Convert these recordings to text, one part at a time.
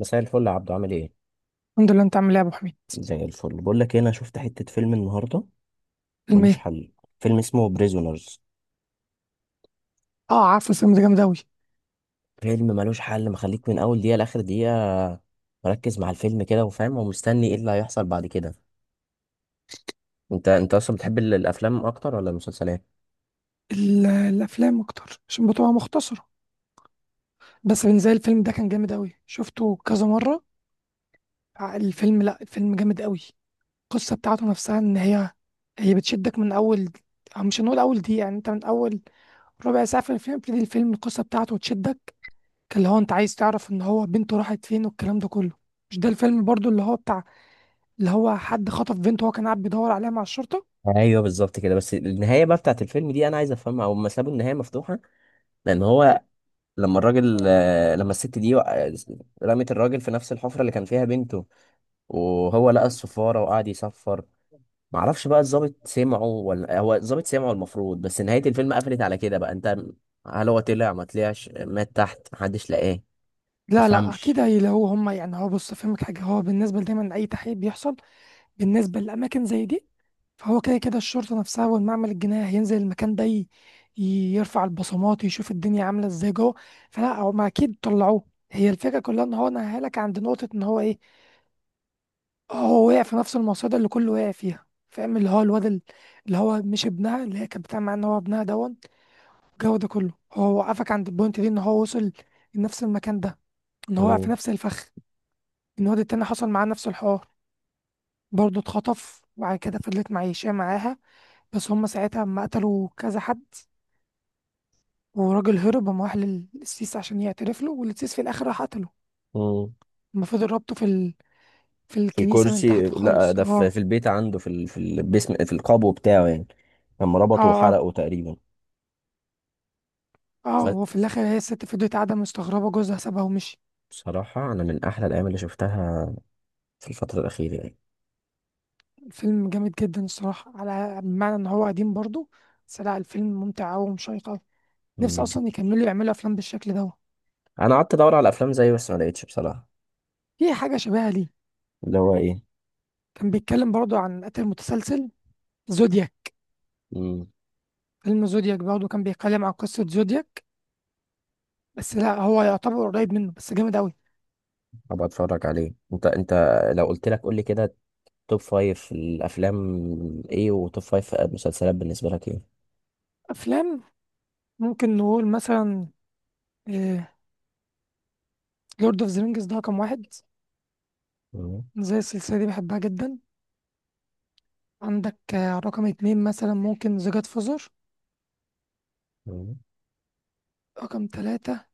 مساء الفل يا عبدو، عامل ايه؟ الحمد لله، انت عامل ايه يا ابو حميد؟ زي الفل. بقول لك إيه، انا شفت حتة فيلم النهاردة، فيلم ملوش ايه؟ حل. فيلم اسمه بريزونرز. اه، عارفه الفيلم ده جامد اوي. فيلم ملوش حل، مخليك من اول دقيقة لاخر دقيقة، مركز مع الفيلم كده وفاهم ومستني ايه اللي هيحصل بعد كده. انت اصلا بتحب الافلام اكتر ولا المسلسلات؟ الافلام اكتر عشان بتبقى مختصره. بس بالنسبه لي الفيلم ده كان جامد اوي، شفته كذا مره. الفيلم، لا الفيلم جامد اوي. القصه بتاعته نفسها ان هي بتشدك من اول، أو مش هنقول اول دقيقه، يعني انت من اول ربع ساعه في الفيلم بتبتدي الفيلم القصه بتاعته تشدك. اللي هو انت عايز تعرف ان هو بنته راحت فين والكلام ده كله. مش ده الفيلم برضو اللي هو بتاع، اللي هو حد خطف بنته وهو كان قاعد بيدور عليها مع الشرطه. ايوه بالظبط كده، بس النهايه بقى بتاعت الفيلم دي انا عايز افهمها، او ما سابوا النهايه مفتوحه، لان هو لما الراجل لما الست دي رمت الراجل في نفس الحفره اللي كان فيها بنته، وهو لقى الصفاره وقعد يصفر. معرفش بقى الضابط سمعه ولا هو الضابط سمعه المفروض، بس نهاية الفيلم قفلت على كده. بقى انت، هل هو طلع ما طلعش، مات تحت، محدش لقاه؟ لا لا، تفهمش. اكيد هي لو هم، يعني هو بص فهمك حاجه، هو بالنسبه دايما لاي تحقيق بيحصل بالنسبه لاماكن زي دي، فهو كده كده الشرطه نفسها والمعمل الجنائي هينزل المكان ده، يرفع البصمات يشوف الدنيا عامله ازاي جوه. فلا هم اكيد طلعوه. هي الفكره كلها ان هو نهى لك عند نقطه ان هو ايه، هو وقع في نفس المصيده اللي كله وقع فيها، فاهم؟ اللي هو الواد اللي هو مش ابنها، اللي هي كانت بتعمل معاه ان هو ابنها دون. الجو ده كله هو وقفك عند البوينت دي ان هو وصل لنفس المكان ده، ان هو وقع في مم. نفس الفخ. الواد التاني حصل معاه نفس الحوار، برضه اتخطف وبعد كده فضلت معيشاه معاها. بس هم ساعتها اما قتلوا كذا حد، وراجل هرب قام راح للسيس عشان يعترف له، والسيس في الاخر راح قتله. مم. اما فضل ربطه في ال... في في الكنيسة من الكرسي؟ تحت لا، خالص ده في, اه. البيت عنده، في في البسم، في القبو بتاعه يعني، لما اه ربطه اه وحرقه تقريبا. اه، وفي بس الاخر هي الست فضلت قاعدة مستغربة جوزها سابها ومشي. بصراحة أنا من أحلى الأيام اللي شفتها في الفترة الأخيرة يعني. الفيلم جامد جدا الصراحة، على بمعنى ان هو قديم برضه. بس لا، الفيلم ممتع أوي ومشيق أوي. مم. نفسي اصلا يكملوا يعملوا افلام بالشكل ده. أنا قعدت أدور على أفلام زيه بس ما لقيتش بصراحة. في حاجة شبيهة ليه، اللي هو ايه؟ كان بيتكلم برضه عن قتل متسلسل، زودياك. مم. فيلم زودياك برضه كان بيتكلم عن قصة زودياك. بس لا، هو يعتبر قريب منه بس جامد أوي. أبقى أتفرج عليه. أنت لو قلت لك قول لي كده، توب فايف الافلام ايه، وتوب فايف مسلسلات بالنسبه لك ايه؟ أفلام، ممكن نقول مثلا لورد اوف ذا رينجز، ده رقم واحد. مم. زي السلسلة دي بحبها جدا. عندك رقم اتنين مثلا ممكن ذا جاد فوزر. مم. رقم تلاتة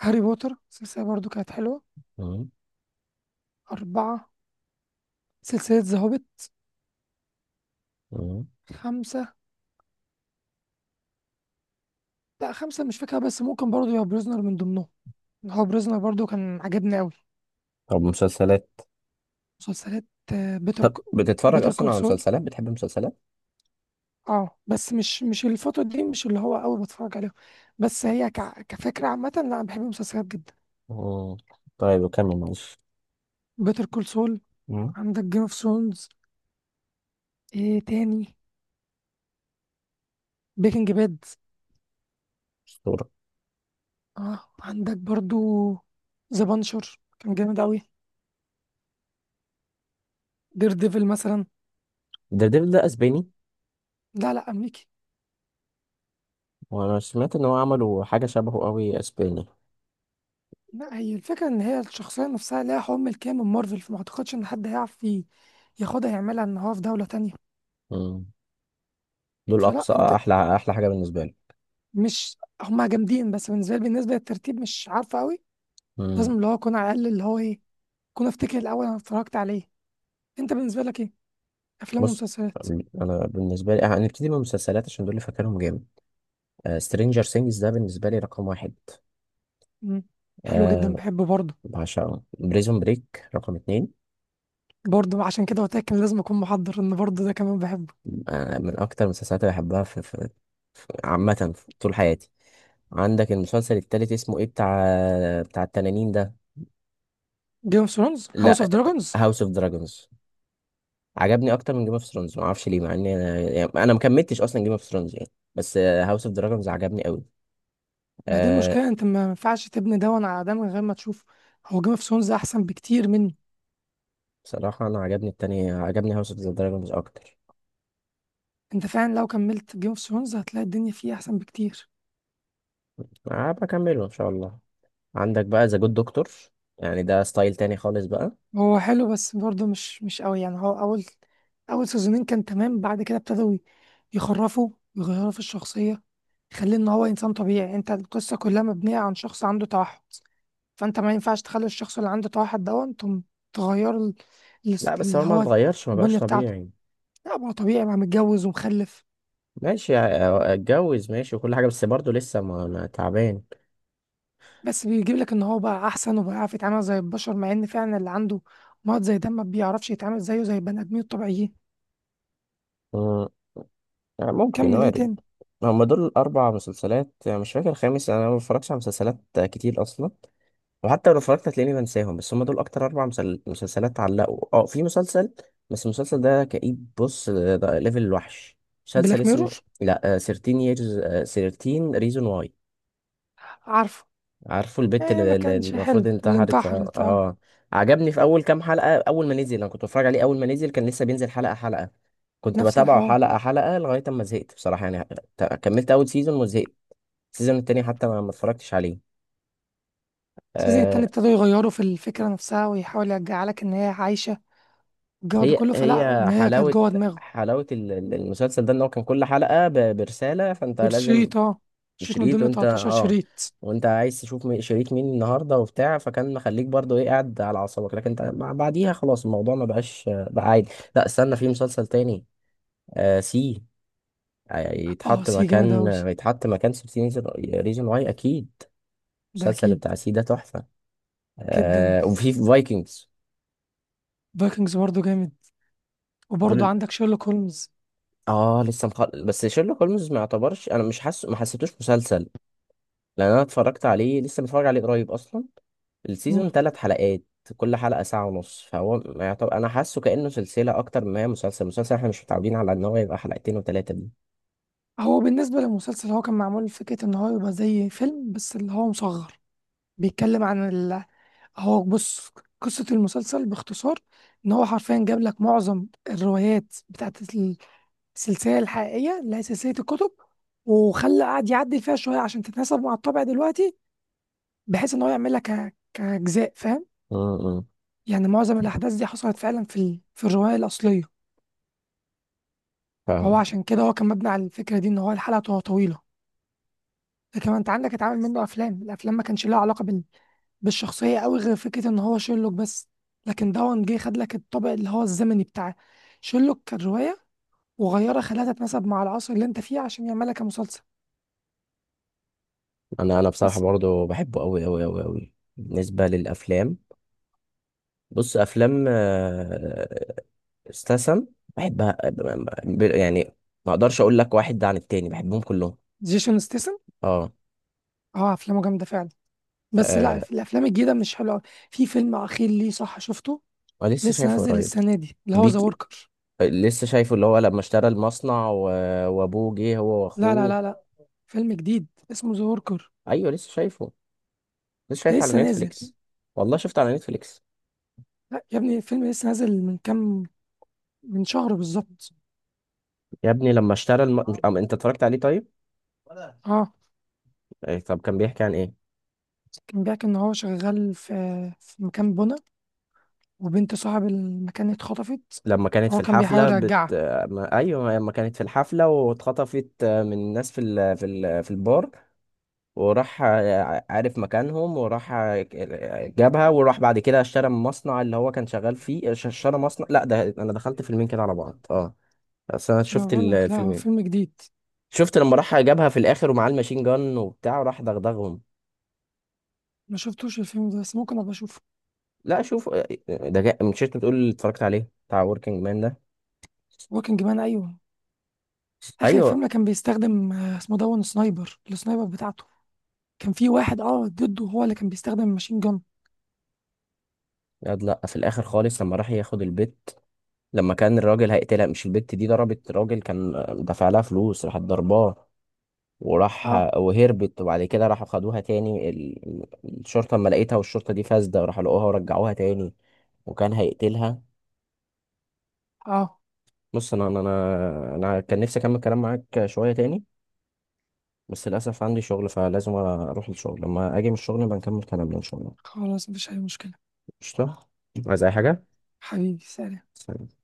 هاري بوتر السلسلة برضه كانت حلوة. مم. أربعة، سلسلة ذا هوبيت. مم. خمسة، لا خمسة مش فاكرة، بس ممكن برضه يبقى بريزنر من ضمنهم. هو بريزنر برضه كان عجبني أوي. طب مسلسلات؟ مسلسلات، بيتر، طب بتتفرج بيتر اصلا كول على سول. مسلسلات؟ بتحب مسلسلات؟ اه بس مش الفترة دي، مش اللي هو أوي بتفرج عليها. بس هي ك... كفكرة عامة، لا أنا بحب المسلسلات جدا. مم. طيب وكمل معلش. بيتر كول سول. مم. عندك جيم اوف ثرونز. ايه تاني؟ بريكنج باد. اسطوره. اه عندك برضو ذا بانشر كان جامد أوي. دير ديفل مثلا. ديفل ده اسباني؟ لا لا، أمريكي. وانا سمعت ان هو عملوا حاجه شبهه قوي اسباني. لا هي الفكرة إن هي الشخصية نفسها ليها حكم الكيان من مارفل، فما أعتقدش إن حد هيعرف ياخدها يعملها إن هو في دولة تانية. مم. دول فلا اقصى أنت، احلى احلى حاجه بالنسبه لي. مش هما جامدين بس بالنسبة لي، بالنسبة للترتيب مش عارفة أوي. لازم مم. اللي هو اكون على الاقل اللي هو ايه، اكون افتكر الاول انا اتفرجت على ايه. انت بالنسبه لك ايه؟ افلام بص، ومسلسلات. انا بالنسبه لي هنبتدي من المسلسلات عشان دول اللي فاكرهم جامد. سترينجر سينجز ده بالنسبه لي رقم واحد. امم، حلو جدا آه، بحبه برضه. بعشقه. بريزون بريك رقم اتنين. برضه عشان كده قلت لك إن لازم اكون محضر ان برضه ده كمان بحبه. من أكتر المسلسلات اللي بحبها عامة في طول حياتي. عندك المسلسل التالت اسمه ايه، بتاع التنانين ده؟ جيم اوف ثرونز، هاوس لا، اوف دراجونز. هاوس اوف دراجونز عجبني أكتر من جيم اوف ثرونز، معرفش ليه، مع إني أنا يعني أنا مكملتش أصلا جيم اوف ثرونز يعني، بس هاوس اوف دراجونز عجبني أوي. ما هي دي أه، المشكله، انت ما ينفعش تبني ده على ده من غير ما تشوف. هو جيم اوف ثرونز احسن بكتير منه. بصراحة أنا عجبني التاني، عجبني هاوس اوف دراجونز أكتر. انت فعلا لو كملت جيم اوف ثرونز هتلاقي الدنيا فيه احسن بكتير. أه، بكمله إن شاء الله. عندك بقى ذا جود دكتور، يعني ده ستايل تاني خالص بقى. هو حلو بس برضه مش قوي، يعني هو اول، اول سيزونين كان تمام، بعد كده ابتدوا يخرفوا ويغيروا في الشخصيه. يخليه ان هو انسان طبيعي، انت القصه كلها مبنيه عن شخص عنده توحد، فانت ما ينفعش تخلي الشخص اللي عنده توحد ده انتم تغيروا لا بس هو اللي ما هو اتغيرش، ما بقاش البنيه بتاعته. طبيعي. لا ما هو طبيعي بقى متجوز ومخلف. ماشي اتجوز، ماشي، وكل حاجة، بس برضه لسه ما تعبان. بس بيجيب لك ان هو بقى احسن وبقى يعرف يتعامل زي البشر، مع ان فعلا اللي عنده مرض زي ده ما بيعرفش يتعامل زيه زي البني ادمين الطبيعيين. مم. يعني ممكن، كمل، ايه وارد. تاني؟ هما دول الأربع مسلسلات، يعني مش فاكر الخامس. أنا ما بتفرجش على مسلسلات كتير أصلا، وحتى لو اتفرجت هتلاقيني بنساهم. بس هما دول أكتر أربع مسلسلات علقوا. في مسلسل، بس المسلسل ده كئيب، بص، ده ليفل الوحش. مسلسل بلاك ميرور، اسمه لا، 13 years، 13 reason why. عارفه. عارفه البت إيه ما اللي كانش حلو المفروض اللي انتحرت، اه انتحرت اه. آه. عجبني في اول كام حلقه، اول ما نزل انا كنت بتفرج عليه، اول ما نزل كان لسه بينزل حلقه حلقه، كنت نفس بتابعه الحوار. حلقه حلقه لغايه اما زهقت بصراحه يعني. كملت اول سيزون وزهقت، السيزون التاني حتى ما اتفرجتش عليه. السيزون آه. التاني ابتدوا يغيروا في الفكرة نفسها ويحاول يرجع لك إن هي عايشة الجو ده هي كله، فلا هي إن هي كانت حلاوه، جوه دماغه. حلاوه المسلسل ده ان هو كان كل حلقه برساله، فانت لازم. بالشريط اه، شريط من وشريط، ضمن وانت 13 اه، شريط. وانت عايز تشوف شريط مين النهارده وبتاع، فكان مخليك برضو ايه، قاعد على اعصابك. لكن انت بعديها خلاص الموضوع ما بقاش بقى عادي. لا استنى، في مسلسل تاني، آه سي. اه سي جامد أوي، يتحط مكان 16 ريزون واي اكيد. ده المسلسل أكيد. بتاع سي ده تحفه. جدا، آه، وفي فايكنجز. فايكنجز برضه جامد. دول وبرضه ال- عندك شيرلوك هولمز. اه لسه بس شيرلوك هولمز ما يعتبرش، انا مش حاسه، ما حسيتوش مسلسل، لان انا اتفرجت عليه لسه، متفرج عليه قريب اصلا. مم. السيزون ثلاث حلقات، كل حلقة ساعة ونص، فهو يعتبر أنا حاسه كأنه سلسلة أكتر ما هي مسلسل. مسلسل إحنا مش متعودين على إن هو يبقى حلقتين وتلاتة دي. هو بالنسبة للمسلسل، هو كان معمول فكرة إن هو يبقى زي فيلم بس اللي هو مصغر. بيتكلم عن، هو بص، قصة المسلسل باختصار إن هو حرفيا جاب لك معظم الروايات بتاعت السلسلة الحقيقية اللي هي سلسلة الكتب، وخلى قعد يعدل فيها شوية عشان تتناسب مع الطبع دلوقتي، بحيث إن هو يعملها كأجزاء، فاهم؟ امم، يعني معظم الأحداث دي حصلت فعلا في ال... في الرواية الأصلية. فهو فاهم. عشان كده هو كان مبني على الفكرة دي إن هو الحلقة تبقى طويلة. لكن انت عندك اتعمل منه افلام، الافلام ما كانش لها علاقه بال... بالشخصيه قوي غير فكره ان هو شيرلوك بس. لكن دون جه خد لك الطابع اللي هو الزمني بتاع شيرلوك كروايه، وغيرها خلاها تتناسب مع العصر اللي انت فيه عشان يعملها كمسلسل. أنا بصراحة بس برضه بحبه أوي أوي أوي أوي، بالنسبة للأفلام. بص، أفلام استسم، بحبها، يعني ما أقدرش أقول لك واحد ده عن التاني، بحبهم كلهم. جيسون ستيسن، أه. اه افلامه جامده فعلا. بس لا، آه، في الافلام الجديده مش حلوه أوي. في فيلم اخير ليه صح، شفته؟ أنا لسه لسه شايفه نازل قريب. السنه دي اللي هو ذا بيك وركر. لسه شايفه، اللي هو لما اشترى المصنع وابوه جه هو لا لا واخوه. لا لا، فيلم جديد اسمه ذا وركر، ايوه لسه شايفه، لسه ده شايفه على لسه نازل. نتفليكس. والله شفته على نتفليكس. لا يا ابني الفيلم لسه نازل من كام، من شهر بالظبط. يا ابني لما اشترى الم... مش- أم... انت اتفرجت عليه طيب؟ اه. إيه، طب كان بيحكي عن ايه؟ كان بيحكي إن هو شغال في مكان بنا، وبنت صاحب المكان اتخطفت، لما كانت في فهو كان الحفله بيحاول يرجعها. ما... ايوه لما كانت في الحفله واتخطفت من الناس في البار، وراح عارف مكانهم، وراح جابها، وراح بعد كده اشترى من المصنع اللي هو كان شغال فيه، اشترى مصنع. لا ده انا دخلت فيلمين كده على بعض، اه، اصل انا أنا شفت بقول لك لا، هو الفيلمين. فيلم جديد. شفت لما راح جابها في الاخر ومعاه الماشين جان وبتاع، وراح دغدغهم. ما شفتوش الفيلم ده، بس ممكن أبقى أشوفه. لا شوف، ده جاء من شركة، بتقول اتفرجت عليه بتاع وركينج مان ده. وركينج مان أيوه. آخر ايوه. فيلم كان بيستخدم اسمه دون سنايبر، السنايبر بتاعته. كان في واحد أه ضده هو اللي كان بيستخدم ماشين جون. لا لا، في الاخر خالص لما راح ياخد البت، لما كان الراجل هيقتلها، مش البت دي ضربت راجل كان دافع لها فلوس، راحت ضرباه، وراح أه. وهربت، وبعد كده راحوا خدوها تاني الشرطة اما لقيتها، والشرطة دي فاسدة، راحوا لقوها ورجعوها تاني وكان هيقتلها. أه. بص، انا أنا كان نفسي اكمل كلام معاك شوية تاني، بس للأسف عندي شغل، فلازم أروح الشغل، لما أجي من الشغل بنكمل كلامنا إن شاء الله. خلاص، مفيش أي مشكلة. قشطة. عايز اي حاجه؟ حبيبي سلام. سلام.